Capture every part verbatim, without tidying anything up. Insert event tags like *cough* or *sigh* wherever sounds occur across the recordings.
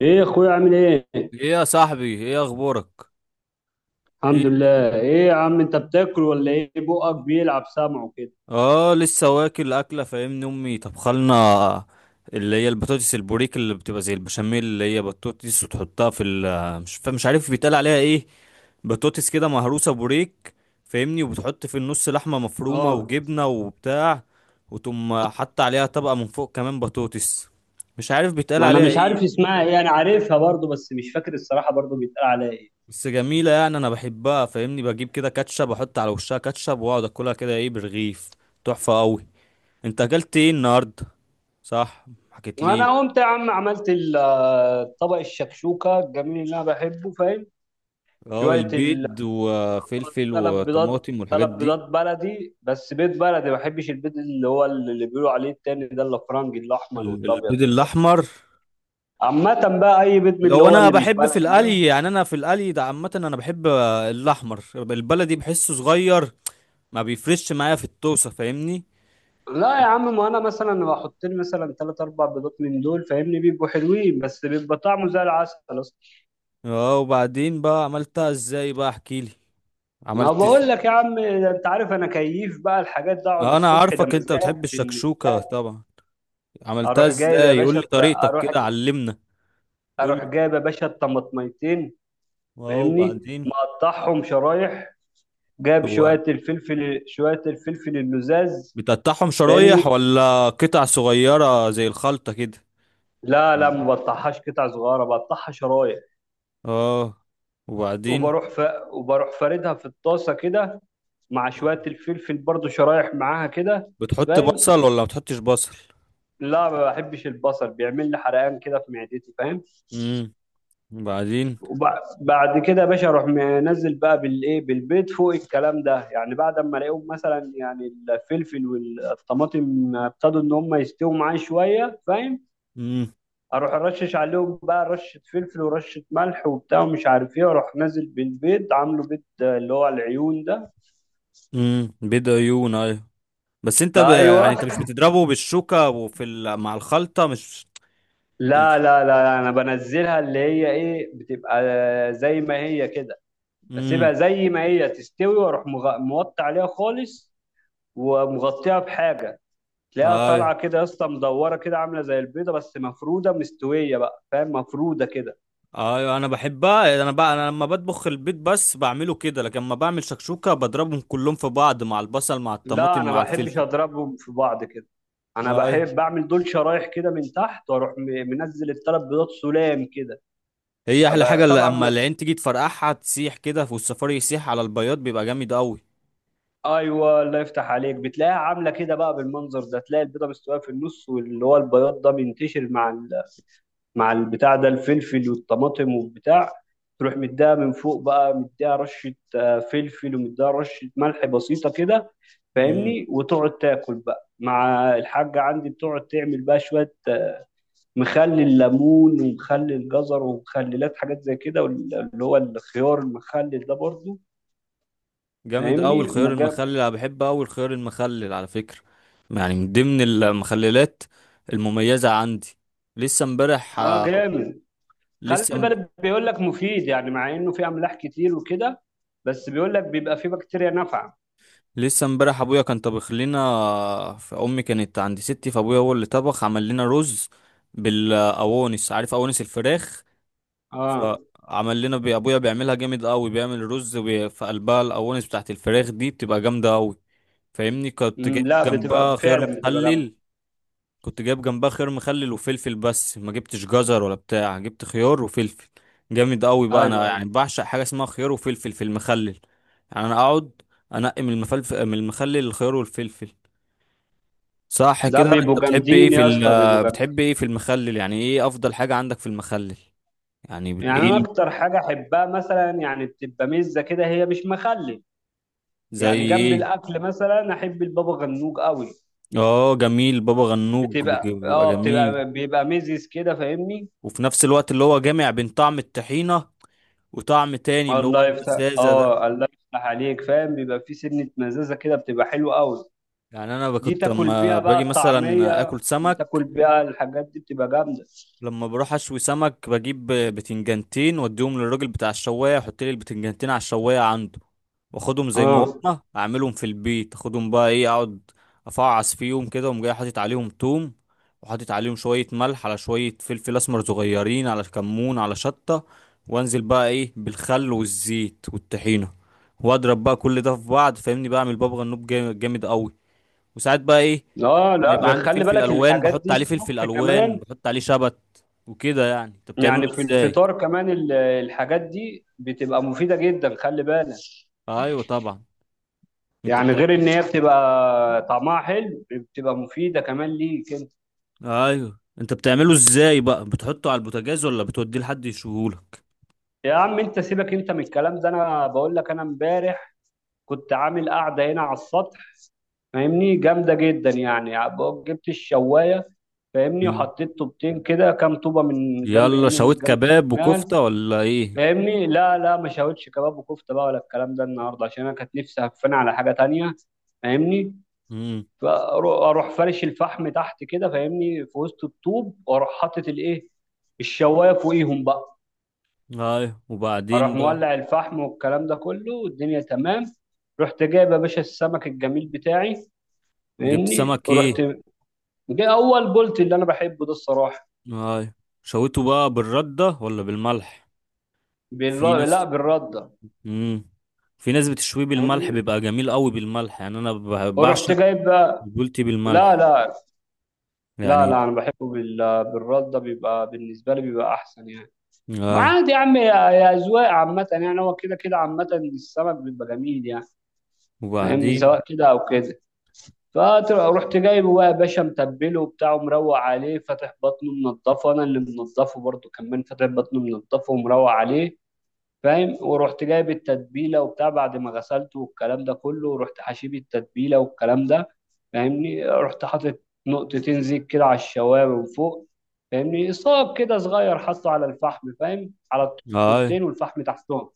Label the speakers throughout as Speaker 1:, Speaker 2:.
Speaker 1: ايه يا اخويا، عامل ايه؟
Speaker 2: ايه يا صاحبي، ايه اخبارك؟ ايه
Speaker 1: الحمد
Speaker 2: الدنيا؟
Speaker 1: لله. ايه يا عم، انت بتاكل ولا ايه؟ بقك بيلعب سمعه كده.
Speaker 2: اه لسه واكل اكله، فاهمني؟ امي طبخلنا اللي هي البطاطس البوريك، اللي بتبقى زي البشاميل، اللي هي بطاطس وتحطها في ال مش فا- مش عارف بيتقال عليها ايه. بطاطس كده مهروسه، بوريك، فاهمني؟ وبتحط في النص لحمه مفرومه
Speaker 1: اه،
Speaker 2: وجبنه وبتاع، وتقوم حط عليها طبقه من فوق كمان بطاطس. مش عارف بيتقال
Speaker 1: ما انا
Speaker 2: عليها
Speaker 1: مش
Speaker 2: ايه،
Speaker 1: عارف اسمها ايه. انا عارفها برضو بس مش فاكر الصراحه برضو بيتقال عليها ايه.
Speaker 2: بس جميلة يعني. أنا بحبها، فاهمني؟ بجيب كده كاتشب، أحط على وشها كاتشب وأقعد أكلها كده، إيه، برغيف. تحفة أوي. أنت أكلت إيه النهاردة؟ صح، حكيت لي.
Speaker 1: انا قمت يا عم، عملت ال- آه، طبق الشكشوكه الجميل اللي انا بحبه، فاهم؟
Speaker 2: أه،
Speaker 1: شويه ال
Speaker 2: البيض وفلفل
Speaker 1: ثلاث بيضات
Speaker 2: وطماطم والحاجات
Speaker 1: ثلاث
Speaker 2: دي.
Speaker 1: بيضات بلدي. بس بيض بلدي، ما بحبش البيض اللي هو اللي بيقولوا عليه التاني ده، الافرنجي الاحمر
Speaker 2: ال-
Speaker 1: والابيض
Speaker 2: البيض
Speaker 1: والكلام ده.
Speaker 2: الأحمر؟
Speaker 1: عامه بقى، اي بيض من اللي
Speaker 2: لو
Speaker 1: هو
Speaker 2: أنا
Speaker 1: اللي مش
Speaker 2: بحب في
Speaker 1: بلدي ده.
Speaker 2: القلي، يعني أنا في القلي ده عامة أنا بحب الأحمر البلدي، بحسه صغير، ما بيفرش معايا في الطوسة، فاهمني؟
Speaker 1: لا يا عم، ما انا مثلا بحط لي مثلا ثلاث اربع بيضات من دول، فاهمني؟ بيبقوا حلوين، بس بيبقى طعمه زي العسل اصلا.
Speaker 2: أه، وبعدين بقى عملتها إزاي بقى؟ أحكيلي.
Speaker 1: ما
Speaker 2: عملت.
Speaker 1: بقول لك يا عم، ده انت عارف انا كيف بقى الحاجات ده. اقعد
Speaker 2: انا
Speaker 1: الصبح ده
Speaker 2: عارفك انت
Speaker 1: مزاج
Speaker 2: بتحب
Speaker 1: بالنسبه
Speaker 2: الشكشوكة
Speaker 1: لي.
Speaker 2: طبعا. عملتها
Speaker 1: اروح جايب يا
Speaker 2: ازاي؟ قول
Speaker 1: باشا
Speaker 2: لي
Speaker 1: الت-
Speaker 2: طريقتك
Speaker 1: اروح
Speaker 2: كده، علمنا. قول
Speaker 1: اروح
Speaker 2: لي.
Speaker 1: جايب يا باشا الطماطميتين.
Speaker 2: واو،
Speaker 1: فاهمني،
Speaker 2: وبعدين؟
Speaker 1: مقطعهم شرايح. جايب
Speaker 2: هو
Speaker 1: شويه الفلفل شويه الفلفل اللزاز.
Speaker 2: بتقطعهم شرايح
Speaker 1: فاهمني،
Speaker 2: ولا قطع صغيرة زي الخلطة كده؟
Speaker 1: لا لا، ما بقطعهاش قطع صغيره، بقطعها شرايح.
Speaker 2: اه. وبعدين؟
Speaker 1: وبروح ف... وبروح فاردها في الطاسه كده، مع شوية الفلفل برضو شرايح معاها كده.
Speaker 2: بتحط
Speaker 1: فاهم؟
Speaker 2: بصل ولا ما بتحطش بصل؟
Speaker 1: لا، ما بحبش البصل، بيعمل لي حرقان كده في معدتي، فاهم؟
Speaker 2: امم وبعدين؟
Speaker 1: وبعد كده يا باشا، اروح منزل بقى بالايه، بالبيض فوق الكلام ده، يعني بعد ما الاقيهم مثلا يعني الفلفل والطماطم ابتدوا ان هم يستووا معايا شويه، فاهم؟
Speaker 2: امم
Speaker 1: اروح ارشش عليهم بقى، رشه فلفل ورشه ملح وبتاع ومش عارف ايه، واروح نازل بالبيض، عامله بيض اللي هو العيون ده.
Speaker 2: امم، بيض عيون، ايوه. بس انت ب...
Speaker 1: ايوه،
Speaker 2: يعني انت مش بتضربه بالشوكة وفي ال... مع الخلطة مش ال...
Speaker 1: لا لا لا لا، انا بنزلها اللي هي ايه، بتبقى زي ما هي كده. بسيبها
Speaker 2: امم
Speaker 1: زي ما هي تستوي، واروح مغ- موطي عليها خالص، ومغطيها بحاجه. تلاقيها طالعه
Speaker 2: ايوه،
Speaker 1: كده يا اسطى، مدوره كده، عامله زي البيضه بس مفروده مستويه بقى، فاهم؟ مفروده كده.
Speaker 2: ايوه، انا بحبها. انا بقى، انا لما بطبخ البيت بس بعمله كده، لكن لما بعمل شكشوكه بضربهم كلهم في بعض مع البصل مع
Speaker 1: لا،
Speaker 2: الطماطم
Speaker 1: انا
Speaker 2: مع
Speaker 1: ما بحبش
Speaker 2: الفلفل.
Speaker 1: اضربهم في بعض كده. انا
Speaker 2: ايوه،
Speaker 1: بحب بعمل دول شرايح كده من تحت، واروح م- منزل الثلاث بيضات، سلام كده.
Speaker 2: هي احلى
Speaker 1: أبقى-
Speaker 2: حاجه، اللي
Speaker 1: طبعا.
Speaker 2: اما العين تيجي تفرقعها تسيح كده، والسفاري يسيح على البياض بيبقى جامد قوي.
Speaker 1: ايوه، الله يفتح عليك، بتلاقيها عامله كده بقى بالمنظر ده، تلاقي البيضه مستويه في النص واللي هو البياض ده منتشر مع ال... مع البتاع ده، الفلفل والطماطم والبتاع. تروح مديها من فوق بقى، مديها رشه آه، فلفل، ومديها رشه ملح بسيطه كده.
Speaker 2: امم
Speaker 1: فاهمني، وتقعد تاكل بقى مع الحاجه عندي، بتقعد تعمل بقى شويه آه، مخلل ليمون ومخلل جزر ومخللات، حاجات زي كده، وال- اللي هو الخيار المخلل ده برضه.
Speaker 2: جامد قوي
Speaker 1: فاهمني،
Speaker 2: الخيار
Speaker 1: مجاب.
Speaker 2: المخلل. انا بحب قوي الخيار المخلل على فكره، يعني من ضمن المخللات المميزه عندي. لسه امبارح.
Speaker 1: اه، جامد. خلي
Speaker 2: لسه
Speaker 1: بالك بيقول لك مفيد يعني، مع انه في املاح كتير وكده. بس بيقول لك بيبقى في بكتيريا نافعه.
Speaker 2: لسه امبارح ابويا كان طبخ لنا، فامي كانت عند ستي، فابويا هو اللي طبخ، عمل لنا رز بالاوانس، عارف اوانس الفراخ؟
Speaker 1: اه،
Speaker 2: فعمل لنا بي- ابويا بيعملها جامد قوي، بيعمل رز بي- في قلبها الاوانس بتاعت الفراخ دي، بتبقى جامده قوي. فاهمني؟ كنت جايب
Speaker 1: أمم، لا، بتبقى
Speaker 2: جنبها خيار
Speaker 1: فعلا بتبقى جامده.
Speaker 2: مخلل. كنت جايب جنبها خيار مخلل وفلفل، بس ما جبتش جزر ولا بتاع، جبت خيار وفلفل. جامد قوي بقى، انا
Speaker 1: ايوه،
Speaker 2: يعني
Speaker 1: ايوه،
Speaker 2: بعشق حاجه اسمها خيار وفلفل في المخلل. يعني انا اقعد انقي من المفلفل من المخلل الخيار والفلفل. صح
Speaker 1: ده
Speaker 2: كده، انت
Speaker 1: بيبقوا
Speaker 2: بتحب ايه
Speaker 1: جامدين
Speaker 2: في
Speaker 1: يا اسطى، بيبقوا
Speaker 2: ال، بتحب
Speaker 1: جامدين.
Speaker 2: ايه في المخلل؟ يعني ايه افضل حاجه عندك في المخلل؟ يعني بت-
Speaker 1: يعني
Speaker 2: ايه
Speaker 1: انا
Speaker 2: ال-
Speaker 1: اكتر حاجه احبها مثلا يعني بتبقى مزه كده، هي مش مخلل.
Speaker 2: زي
Speaker 1: يعني جنب
Speaker 2: ايه؟
Speaker 1: الاكل مثلا احب البابا غنوج قوي.
Speaker 2: اه جميل، بابا غنوج، بج-
Speaker 1: بتبقى
Speaker 2: بيبقى
Speaker 1: اه
Speaker 2: جميل.
Speaker 1: بتبقى بيبقى ميزز كده، فاهمني.
Speaker 2: وفي نفس الوقت اللي هو جامع بين طعم الطحينه وطعم تاني اللي هو
Speaker 1: الله يفتح
Speaker 2: الفزازه ده.
Speaker 1: اه الله يفتح عليك، فاهم؟ بيبقى في سنه مزازه كده، بتبقى حلوه قوي.
Speaker 2: يعني انا ب-
Speaker 1: دي
Speaker 2: كنت
Speaker 1: تاكل
Speaker 2: لما
Speaker 1: بيها بقى
Speaker 2: باجي مثلا
Speaker 1: الطعمية،
Speaker 2: اكل
Speaker 1: بتاكل
Speaker 2: سمك،
Speaker 1: بيها الحاجات دي بتبقى جامدة.
Speaker 2: لما بروح اشوي سمك بجيب بتنجانتين واديهم للراجل بتاع الشوايه، يحط لي البتنجانتين على الشوايه عنده، واخدهم زي ما
Speaker 1: اه.
Speaker 2: هما، اعملهم في البيت. اخدهم بقى، ايه، اقعد افعص فيهم كده، وأقوم جاي حاطط عليهم توم، وحاطط عليهم شويه ملح، على شويه فلفل اسمر صغيرين، على كمون، على شطه، وانزل بقى ايه بالخل والزيت والطحينه، واضرب بقى كل ده في بعض، فاهمني؟ بعمل بابا غنوج جامد، جامد قوي. وساعات بقى ايه،
Speaker 1: اه،
Speaker 2: ما يبقى
Speaker 1: لا،
Speaker 2: عندي
Speaker 1: خلي
Speaker 2: فلفل
Speaker 1: بالك
Speaker 2: الوان،
Speaker 1: الحاجات
Speaker 2: بحط
Speaker 1: دي
Speaker 2: عليه فلفل
Speaker 1: الصبح
Speaker 2: الوان،
Speaker 1: كمان.
Speaker 2: بحط عليه شبت وكده. يعني انت بتعمله
Speaker 1: يعني في
Speaker 2: ازاي؟
Speaker 1: الفطار كمان، ال- الحاجات دي بتبقى مفيدة جدا، خلي بالك.
Speaker 2: ايوه طبعا. انت
Speaker 1: يعني
Speaker 2: بتع...
Speaker 1: غير ان هي بتبقى طعمها حلو، بتبقى مفيدة كمان ليك انت.
Speaker 2: ايوه، انت بتعمله ازاي بقى؟ بتحطه على البوتاجاز ولا بتوديه لحد يشوهولك؟
Speaker 1: يا عم انت سيبك انت من الكلام ده، انا بقول لك، انا امبارح كنت عامل قاعدة هنا على السطح. فاهمني، جامدة جدا يعني. جبت الشواية. فاهمني،
Speaker 2: مم.
Speaker 1: وحطيت طوبتين كده، كام طوبة، من جنب
Speaker 2: يلا،
Speaker 1: اليمين ومن
Speaker 2: شويت
Speaker 1: جنب
Speaker 2: كباب
Speaker 1: الشمال.
Speaker 2: وكفتة ولا ايه؟
Speaker 1: فاهمني، لا لا، ما شاوتش كباب وكفتة بقى ولا الكلام ده النهاردة، عشان أنا كانت نفسي هفاني على حاجة تانية. فاهمني.
Speaker 2: امم
Speaker 1: فأروح فرش الفحم تحت كده، فاهمني، في وسط الطوب، وأروح حاطط الإيه، الشواية فوقيهم بقى.
Speaker 2: ايوه،
Speaker 1: اروح
Speaker 2: وبعدين بقى؟
Speaker 1: مولع الفحم والكلام ده كله، والدنيا تمام. رحت جايب يا باشا السمك الجميل بتاعي.
Speaker 2: جبت
Speaker 1: فاهمني،
Speaker 2: سمك
Speaker 1: رحت
Speaker 2: ايه؟
Speaker 1: جاي اول بولت اللي انا بحبه ده الصراحه.
Speaker 2: ايوه، شويته بقى بالردة ولا بالملح؟ في
Speaker 1: بال... لا،
Speaker 2: ناس.
Speaker 1: بالرده.
Speaker 2: امم في ناس بتشويه بالملح
Speaker 1: فاهمني،
Speaker 2: بيبقى جميل قوي بالملح. يعني انا ب-
Speaker 1: ورحت
Speaker 2: بعشق
Speaker 1: جايب بقى.
Speaker 2: بولتي
Speaker 1: لا
Speaker 2: بالملح
Speaker 1: لا لا لا،
Speaker 2: يعني.
Speaker 1: انا بحبه بال... بالرده. بيبقى بالنسبه لي بيبقى احسن يعني. ما
Speaker 2: اي،
Speaker 1: عادي يا عم، يا يا اذواق عامه يعني، هو كده كده عامه. السمك بيبقى جميل يعني. فاهمني،
Speaker 2: وبعدين؟
Speaker 1: سواء كده او كده. فرحت جايبه بقى يا باشا، متبله وبتاع ومروق عليه، فاتح بطنه منضفه، انا اللي منضفه برضه كمان، فاتح بطنه منضفه ومروق عليه. فاهم؟ ورحت جايب التتبيله وبتاع بعد ما غسلته والكلام ده كله، ورحت حشيب التتبيله والكلام ده. فاهمني، رحت حاطط نقطتين زيت كده على الشوارب من فوق. فاهمني، صاب كده صغير، حطه على الفحم، فاهم؟ على
Speaker 2: اي،
Speaker 1: الطوبتين والفحم تحتهم،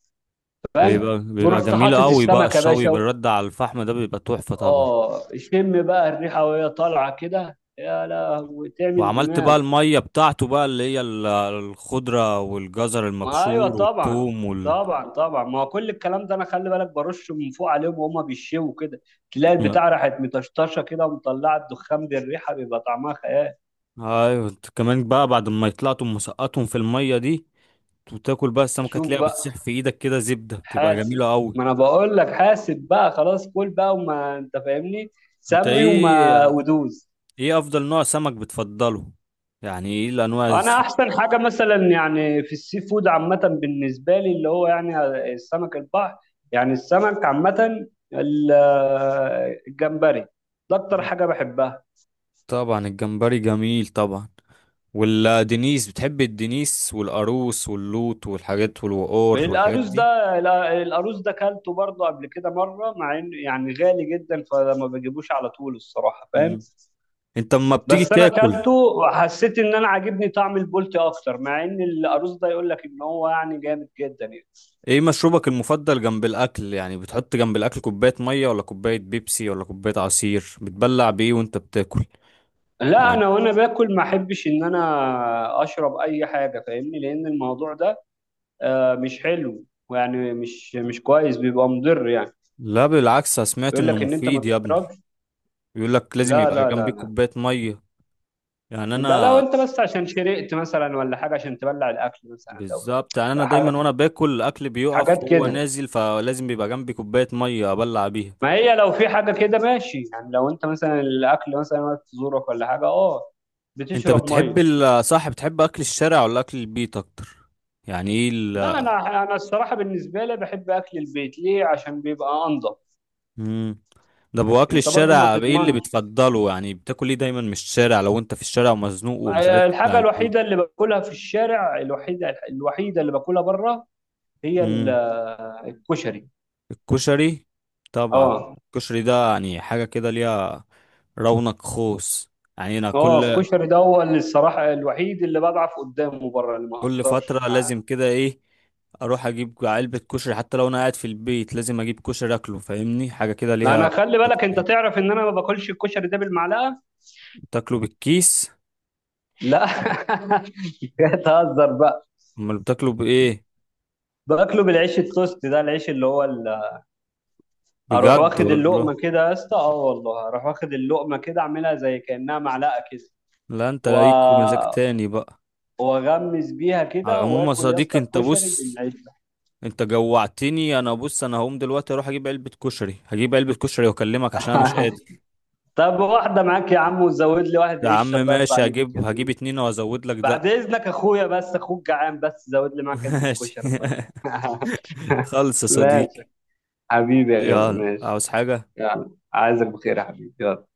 Speaker 1: فاهم؟
Speaker 2: بيبقى بيبقى
Speaker 1: ورحت
Speaker 2: جميل
Speaker 1: حاطط
Speaker 2: قوي بقى
Speaker 1: السمكه يا
Speaker 2: الشوي
Speaker 1: باشا.
Speaker 2: بالرد على الفحم ده، بيبقى تحفة طبعا.
Speaker 1: اه، شم بقى الريحه وهي طالعه كده، يا لهوي تعمل
Speaker 2: وعملت
Speaker 1: دماغ.
Speaker 2: بقى المية بتاعته بقى، اللي هي ال- الخضرة والجزر
Speaker 1: ما ايوه
Speaker 2: المبشور
Speaker 1: طبعا.
Speaker 2: والثوم وال،
Speaker 1: طبعا طبعا، ما هو كل الكلام ده، انا خلي بالك برش من فوق عليهم وهما بيشوا كده. تلاقي البتاع راحت مطشطشه كده، ومطلعه الدخان بالريحه، بيبقى طعمها خيال.
Speaker 2: ايوه. انت كمان بقى، بعد ما يطلعتم مسقطهم في المية دي، وتاكل بقى السمكة
Speaker 1: شوف
Speaker 2: تلاقيها بتسيح
Speaker 1: بقى،
Speaker 2: في ايدك كده زبدة، بتبقى
Speaker 1: حاسب.
Speaker 2: جميلة قوي.
Speaker 1: ما انا بقول لك حاسب بقى، خلاص كل بقى وما انت فاهمني.
Speaker 2: انت
Speaker 1: سمي وما
Speaker 2: ايه؟
Speaker 1: ودوز.
Speaker 2: ايه افضل نوع سمك بتفضله؟ يعني ايه الانواع
Speaker 1: انا
Speaker 2: الس-؟
Speaker 1: احسن حاجه مثلا يعني في السي فود عامه بالنسبه لي اللي هو يعني السمك البحر، يعني السمك عامه. ال- الجمبري ده اكتر حاجه بحبها.
Speaker 2: طبعا الجمبري جميل طبعا. ولا دينيس؟ بتحب الدينيس والقاروص واللوت والحاجات
Speaker 1: من
Speaker 2: والوقور والحاجات
Speaker 1: الأرز
Speaker 2: دي؟
Speaker 1: ده، لا، الأرز ده كلته برضه قبل كده مرة، مع إنه يعني غالي جدا فما بجيبوش على طول الصراحة، فاهم؟
Speaker 2: مم. انت اما بتيجي
Speaker 1: بس أنا
Speaker 2: تاكل،
Speaker 1: كلته وحسيت إن أنا عاجبني طعم البولتي أكتر، مع إن الأرز ده يقول لك إن هو يعني جامد جدا يعني.
Speaker 2: ايه مشروبك المفضل جنب الاكل؟ يعني بتحط جنب الاكل كوباية مية ولا كوباية بيبسي ولا كوباية عصير؟ بتبلع بايه وانت بتاكل؟
Speaker 1: لا،
Speaker 2: يعني
Speaker 1: أنا وأنا باكل ما أحبش إن أنا أشرب أي حاجة، فاهمني، لأن الموضوع ده آه، مش حلو، ويعني مش مش كويس، بيبقى مضر يعني.
Speaker 2: لا بالعكس، انا سمعت
Speaker 1: يقول
Speaker 2: انه
Speaker 1: لك إن أنت ما
Speaker 2: مفيد يا ابني.
Speaker 1: تشربش.
Speaker 2: بيقول لك لازم
Speaker 1: لا
Speaker 2: يبقى
Speaker 1: لا
Speaker 2: جنبيك
Speaker 1: لا،
Speaker 2: كوباية مية. يعني
Speaker 1: ده لو
Speaker 2: انا،
Speaker 1: انت بس عشان شرقت مثلا ولا حاجه، عشان تبلع الاكل مثلا، لو
Speaker 2: بالظبط يعني، انا
Speaker 1: ح-
Speaker 2: دايما وانا باكل الاكل بيقف
Speaker 1: حاجات
Speaker 2: وهو
Speaker 1: كده.
Speaker 2: نازل، فلازم بيبقى جنبي كوباية مية ابلع بيها.
Speaker 1: ما هي لو في حاجه كده ماشي، يعني لو انت مثلا الاكل مثلا وقت زورك ولا حاجه، اه،
Speaker 2: انت
Speaker 1: بتشرب
Speaker 2: بتحب
Speaker 1: ميه.
Speaker 2: ال- صح، بتحب اكل الشارع ولا اكل البيت اكتر؟ يعني ايه ال.
Speaker 1: لا، انا انا الصراحه بالنسبه لي بحب اكل البيت، ليه؟ عشان بيبقى انضف.
Speaker 2: مم. ده ابو اكل
Speaker 1: انت برضو ما
Speaker 2: الشارع، ايه اللي
Speaker 1: تضمنش.
Speaker 2: بتفضله؟ يعني بتاكل ايه دايما من الشارع لو انت في الشارع ومزنوق ومش عارف تطلع
Speaker 1: الحاجه
Speaker 2: البيت؟
Speaker 1: الوحيده اللي باكلها في الشارع، الوحيده الوحيده اللي باكلها بره، هي ال-
Speaker 2: امم
Speaker 1: الكشري.
Speaker 2: الكشري. طبعا
Speaker 1: اه.
Speaker 2: الكشري، ده يعني حاجة كده ليها رونق خوص. يعني انا
Speaker 1: هو
Speaker 2: كل،
Speaker 1: الكشري ده هو اللي الصراحة الوحيد اللي بضعف قدامه بره، اللي ما
Speaker 2: كل
Speaker 1: اقدرش.
Speaker 2: فترة لازم كده ايه، اروح اجيب علبة كشري. حتى لو انا قاعد في البيت لازم اجيب كشري اكله، فاهمني؟ حاجة كده
Speaker 1: لا، انا
Speaker 2: ليها.
Speaker 1: خلي بالك، انت تعرف ان انا ما باكلش الكشري ده بالمعلقة.
Speaker 2: بتاكله بالكيس؟
Speaker 1: لا *laughs* كده تهزر بقى.
Speaker 2: امال بتاكله بايه؟
Speaker 1: باكله بالعيش، التوست ده، العيش اللي هو ال... اروح
Speaker 2: بجد
Speaker 1: واخد
Speaker 2: والله؟
Speaker 1: اللقمة كده يا اسطى، اه والله اروح واخد اللقمة كده، اعملها زي كأنها معلقة كده.
Speaker 2: لا انت
Speaker 1: و...
Speaker 2: ليك مزاج تاني بقى.
Speaker 1: واغمس بيها
Speaker 2: على
Speaker 1: كده
Speaker 2: العموم يا
Speaker 1: واكل يا
Speaker 2: صديقي،
Speaker 1: اسطى
Speaker 2: انت
Speaker 1: الكشري
Speaker 2: بص،
Speaker 1: بالعيش ده.
Speaker 2: انت جوعتني. انا بص، انا هقوم دلوقتي اروح اجيب علبة كشري، هجيب علبة كشري واكلمك، عشان انا مش قادر.
Speaker 1: *laughs* طب واحدة معاك يا عم، وزود لي واحد
Speaker 2: يا عم
Speaker 1: عيش، الله يرضى
Speaker 2: ماشي،
Speaker 1: عليك
Speaker 2: هجيب
Speaker 1: يا
Speaker 2: هجيب
Speaker 1: اخوي.
Speaker 2: اتنين وازود لك ده.
Speaker 1: بعد اذنك اخويا، بس اخوك جعان، بس زود لي
Speaker 2: *laughs*
Speaker 1: معاك علبه
Speaker 2: ماشي.
Speaker 1: كشري طيب.
Speaker 2: *laughs*
Speaker 1: *laughs*
Speaker 2: خلص يا
Speaker 1: ماشي.
Speaker 2: صديقي.
Speaker 1: حبيبي يا غالي،
Speaker 2: يلا،
Speaker 1: ماشي.
Speaker 2: عاوز حاجة؟
Speaker 1: يلا، عايزك بخير يا حبيبي، يلا.